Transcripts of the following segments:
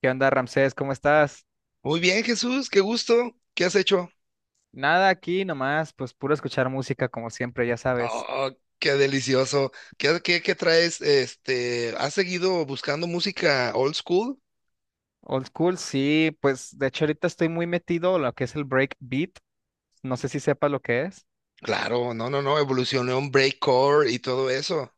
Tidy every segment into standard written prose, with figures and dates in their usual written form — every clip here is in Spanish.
¿Qué onda, Ramsés? ¿Cómo estás? Muy bien, Jesús, qué gusto. ¿Qué has hecho? Nada aquí nomás, pues puro escuchar música como siempre, ya sabes. Oh, qué delicioso. ¿Qué traes? Este, ¿has seguido buscando música old school? Old school, sí, pues de hecho ahorita estoy muy metido en lo que es el breakbeat. No sé si sepas lo que es. Claro, no, no, no, evolucionó en breakcore y todo eso.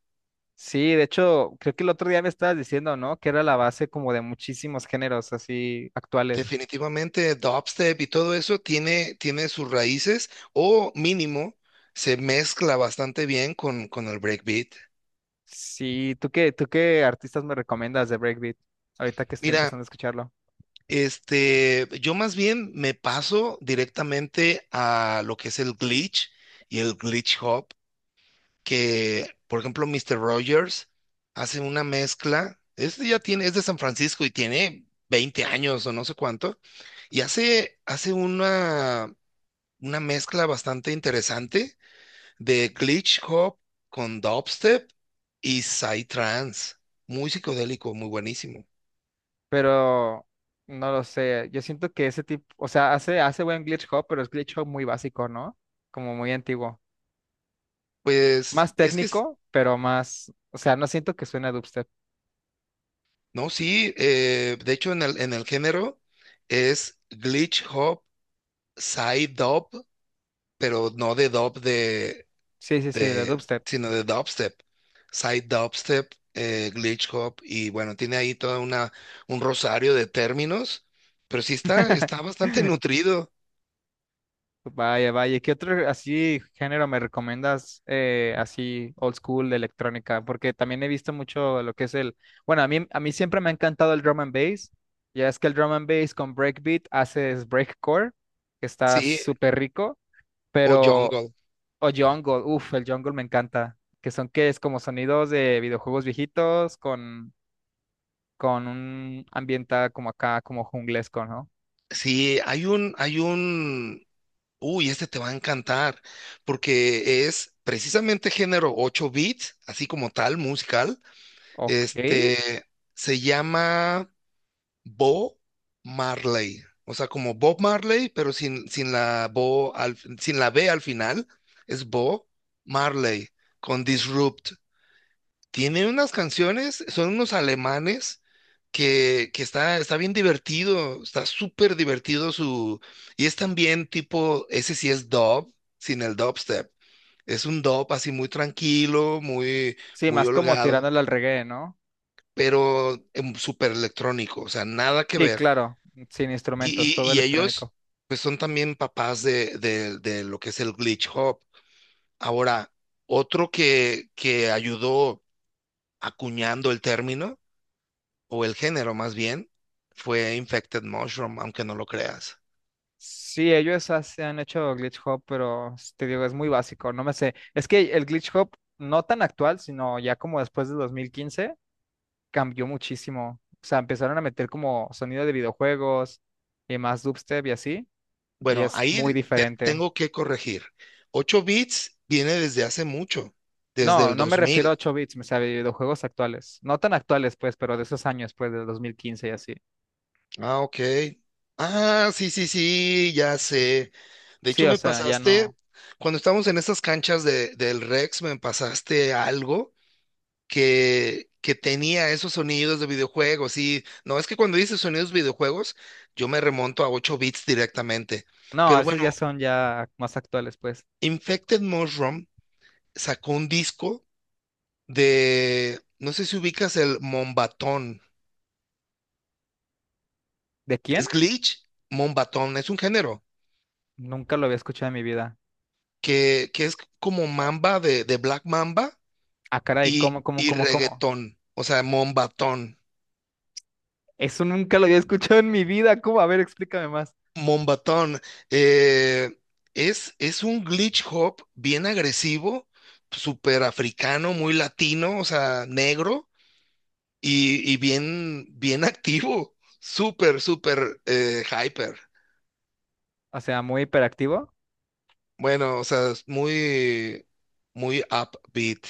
Sí, de hecho, creo que el otro día me estabas diciendo, ¿no? Que era la base como de muchísimos géneros así actuales. Definitivamente dubstep y todo eso tiene sus raíces o mínimo se mezcla bastante bien con el breakbeat. Sí, ¿tú qué artistas me recomiendas de breakbeat? Ahorita que estoy Mira, empezando a escucharlo. este, yo más bien me paso directamente a lo que es el glitch y el glitch hop. Que, por ejemplo, Mr. Rogers hace una mezcla, este ya tiene, es de San Francisco y tiene 20 años o no sé cuánto, y hace una mezcla bastante interesante de glitch hop con dubstep y psytrance, muy psicodélico, muy buenísimo. Pero no lo sé. Yo siento que ese tipo, o sea, hace buen glitch hop, pero es glitch hop muy básico, ¿no? Como muy antiguo. Pues Más es que, técnico, pero más, o sea, no siento que suene a dubstep. no, sí, de hecho en el género es glitch hop, psy dub, pero no de dub Sí, sí, sí, de de, dubstep. sino de dubstep, side dubstep, glitch hop y bueno, tiene ahí toda una un rosario de términos, pero sí está bastante nutrido, Vaya, vaya. ¿Qué otro así género me recomiendas así old school de electrónica? Porque también he visto mucho lo que es el, bueno, a mí siempre me ha encantado el drum and bass. Ya es que el drum and bass con breakbeat haces breakcore, que está sí, súper rico, o pero jungle. o Jungle, uff, el Jungle me encanta. Que son que es como sonidos de videojuegos viejitos con un ambiente como acá, como junglesco, ¿no? Sí, hay un este te va a encantar porque es precisamente género 8 bits, así como tal musical, Ok. este se llama Bo Marley. O sea, como Bob Marley, pero sin, sin la sin la B al final. Es Bo Marley con Disrupt. Tiene unas canciones, son unos alemanes que está, está bien divertido, está súper divertido su... Y es también tipo, ese sí es dub, sin el dubstep. Es un dub así muy tranquilo, muy, Sí, muy más como holgado, tirándole al reggae, ¿no? pero súper electrónico, o sea, nada que Sí, ver. claro, sin Y, instrumentos, todo y ellos, electrónico. pues son también papás de, de lo que es el glitch hop. Ahora, otro que ayudó acuñando el término, o el género más bien, fue Infected Mushroom, aunque no lo creas. Sí, ellos hace- han hecho glitch hop, pero s- te digo, es muy básico, no me sé. Es que el glitch hop, no tan actual, sino ya como después de 2015, cambió muchísimo. O sea, empezaron a meter como sonido de videojuegos y más dubstep y así. Y Bueno, es muy ahí te diferente. tengo que corregir. 8 bits viene desde hace mucho, desde No, el no me dos refiero mil. a 8 bits, me sea, videojuegos actuales. No tan actuales, pues, pero de esos años, pues, del 2015 y así. Ah, ok. Ah, sí, sí, sí, ya sé. De Sí, hecho, o me sea, ya pasaste, no. cuando estábamos en estas canchas de, del Rex, me pasaste algo que tenía esos sonidos de videojuegos. Sí, no, es que cuando dices sonidos videojuegos, yo me remonto a 8 bits directamente. No, Pero esos ya bueno, son ya más actuales, pues. Infected Mushroom sacó un disco de, no sé si ubicas el Mombatón. ¿De ¿Es quién? glitch? Mombatón, es un género. Nunca lo había escuchado en mi vida. Que es como Mamba de Black Mamba Ah, caray, y, ¿cómo, cómo, y cómo, cómo? reggaetón, o sea, Mombatón. Eso nunca lo había escuchado en mi vida. ¿Cómo? A ver, explícame más. Mombatón eh, es un glitch hop bien agresivo, súper africano, muy latino, o sea, negro y bien, bien activo, súper, súper hyper. O sea, muy hiperactivo. Bueno, o sea, es muy, muy upbeat.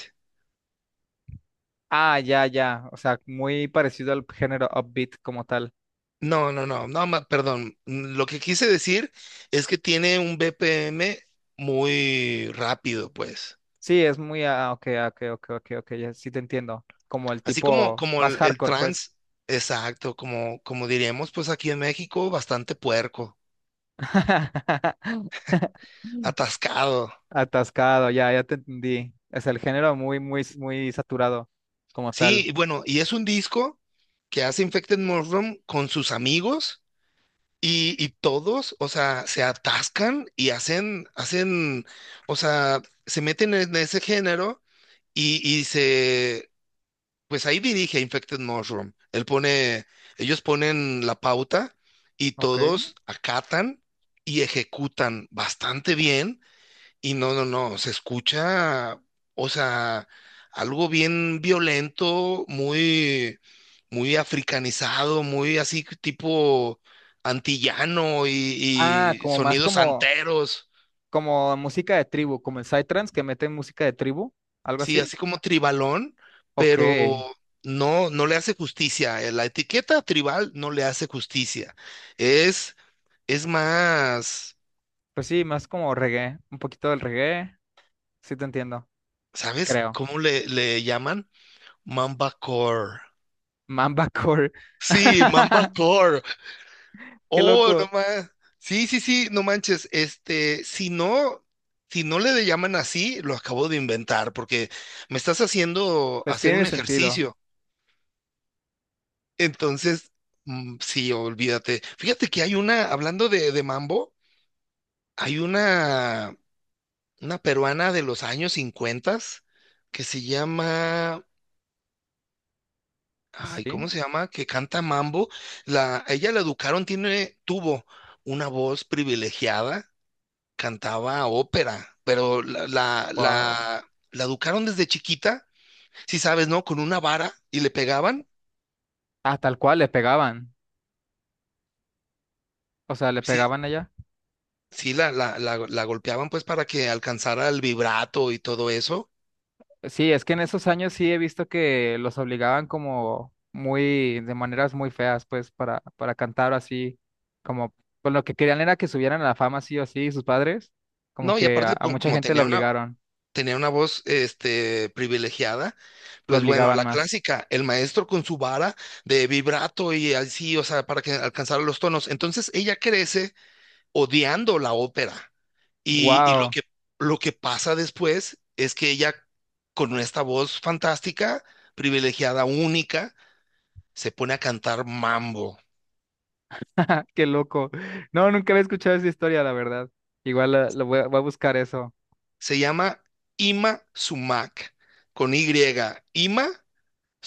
Ah, ya, ya. O sea, muy parecido al género upbeat como tal. No, no, no, no, perdón. Lo que quise decir es que tiene un BPM muy rápido, pues. Sí, es muy. Ah, ok, ah, ok, ok, ok, ok. Ya, sí te entiendo. Como el Así como, tipo como más el hardcore, pues. trans, exacto, como, como diríamos, pues aquí en México, bastante puerco, atascado. Atascado, ya, ya te entendí. Es el género muy, muy, muy saturado como Sí, tal. y bueno, y es un disco que hace Infected Mushroom con sus amigos y todos, o sea, se atascan y hacen, hacen, o sea, se meten en ese género y, y se. Pues ahí dirige Infected Mushroom. Él pone, ellos ponen la pauta y Ok. todos acatan y ejecutan bastante bien. Y no, no, no, se escucha, o sea, algo bien violento, muy, muy africanizado, muy así tipo antillano Ah, y como más sonidos como, anteros. como música de tribu, como el psytrance que mete música de tribu, algo Sí, así. así como tribalón, Ok. pero no, no le hace justicia. La etiqueta tribal no le hace justicia. Es, es más, Pues sí, más como reggae, un poquito del reggae. Sí te entiendo, ¿sabes creo. cómo le llaman? Mambacore. Mamba core. Sí, Mambacore. Qué Oh, no loco. más. Sí, sí, sí, no manches. Este, si no, si no le llaman así, lo acabo de inventar, porque me estás haciendo Pues hacer un tiene sentido. ejercicio. Entonces, sí, olvídate. Fíjate que hay una, hablando de mambo, hay una peruana de los años 50 que se llama, ay, Sí. ¿cómo se llama? Que canta mambo. La, a ella la educaron, tiene, tuvo una voz privilegiada, cantaba ópera, pero la, la, Wow. la, la educaron desde chiquita, si sabes, ¿no? Con una vara y le pegaban. Ah, tal cual le pegaban. O sea, le Sí, pegaban allá. sí la golpeaban pues para que alcanzara el vibrato y todo eso. Sí, es que en esos años sí he visto que los obligaban como muy, de maneras muy feas, pues, para cantar así, como, pues lo que querían era que subieran a la fama sí o sí, sus padres, como No, y que a, aparte a mucha como, gente lo obligaron, tenía una voz este, privilegiada, lo pues bueno, obligaban la más. clásica, el maestro con su vara de vibrato y así, o sea, para que alcanzara los tonos. Entonces ella crece odiando la ópera. Y ¡Wow! Lo que pasa después es que ella, con esta voz fantástica, privilegiada, única, se pone a cantar mambo. ¡Qué loco! No, nunca había escuchado esa historia, la verdad. Igual lo voy, a voy a buscar eso. Se llama Ima Sumac, con Y, Ima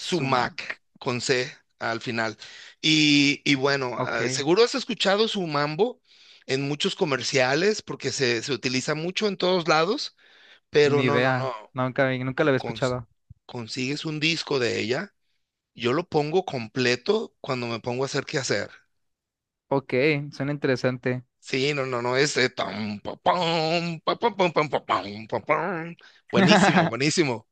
Sumac. con C al final. Y bueno, ah, Ok, seguro has escuchado su mambo en muchos comerciales porque se utiliza mucho en todos lados, pero ni no, no, idea. no. Nunca, nunca lo había cons- escuchado. Consigues un disco de ella, yo lo pongo completo cuando me pongo a hacer qué hacer. Ok, suena interesante. Sí, no, no, no, es... tam, pa, pam, pam, pam, pa, pam, pa, pam. Buenísimo, buenísimo.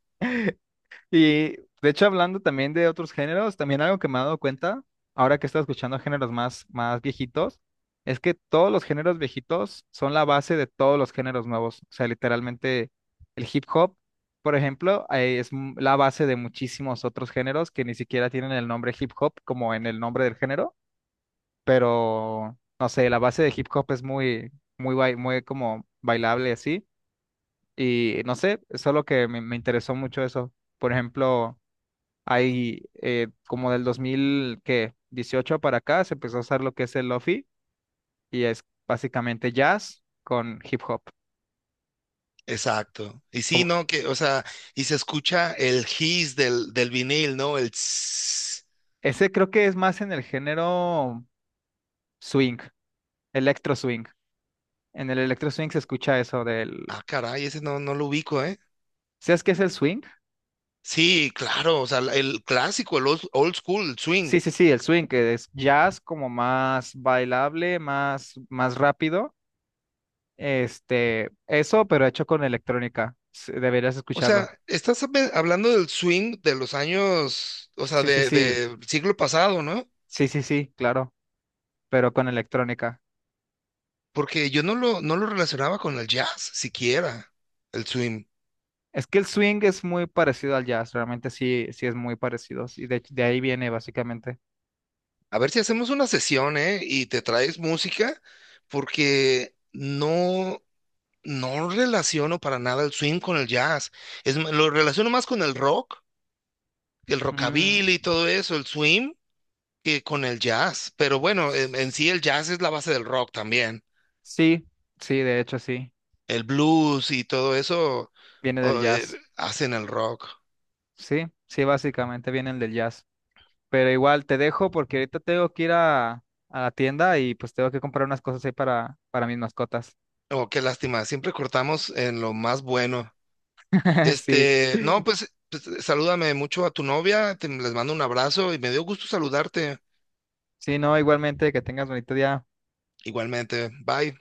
Y de hecho, hablando también de otros géneros, también algo que me he dado cuenta, ahora que estoy escuchando géneros más, más viejitos, es que todos los géneros viejitos son la base de todos los géneros nuevos. O sea, literalmente el hip hop, por ejemplo, es m- la base de muchísimos otros géneros que ni siquiera tienen el nombre hip hop como en el nombre del género, pero no sé, la base de hip hop es muy, muy, bai- muy como bailable y así. Y no sé, solo que me interesó mucho eso. Por ejemplo. Hay como del 2000 ¿qué? 18 para acá se empezó a usar lo que es el lofi y es básicamente jazz con hip hop. Exacto. Y sí, Como, ¿no? Que, o sea, y se escucha el hiss del vinil, ¿no? El tss. ese creo que es más en el género swing, electro swing. En el electro swing se escucha eso del... Ah, caray, ese no, no lo ubico, ¿eh? ¿Sabes qué es el swing? Sí, claro, o sea, el clásico, el old, old school, el swing. Sí, sí, sí, el swing, que es jazz como más bailable, más, más rápido. Este, eso, pero hecho con electrónica. S- Deberías O escucharlo. sea, estás hablando del swing de los años, o sea, Sí, sí, sí, de siglo pasado, ¿no? sí, sí, sí, claro, pero con electrónica. Porque yo no lo, no lo relacionaba con el jazz, siquiera, el swing. Es que el swing es muy parecido al jazz, realmente sí, sí es muy parecido, y de ahí viene básicamente. A ver si hacemos una sesión, ¿eh? Y te traes música, porque no. No relaciono para nada el swing con el jazz. Es, lo relaciono más con el rock, el Mm, rockabilly y todo eso, el swing, que con el jazz. Pero bueno, en s- sí el jazz es la base del rock también. sí, sí, de hecho sí, El blues y todo eso viene del o, jazz, hacen el rock. sí, sí, básicamente vienen del jazz. Pero igual te dejo porque ahorita tengo que ir a la tienda y pues tengo que comprar unas cosas ahí para mis mascotas. Oh, qué lástima, siempre cortamos en lo más bueno. Sí, Este, no, pues, pues, salúdame mucho a tu novia, les mando un abrazo y me dio gusto saludarte. sí, no, igualmente que tengas bonito día. Igualmente, bye.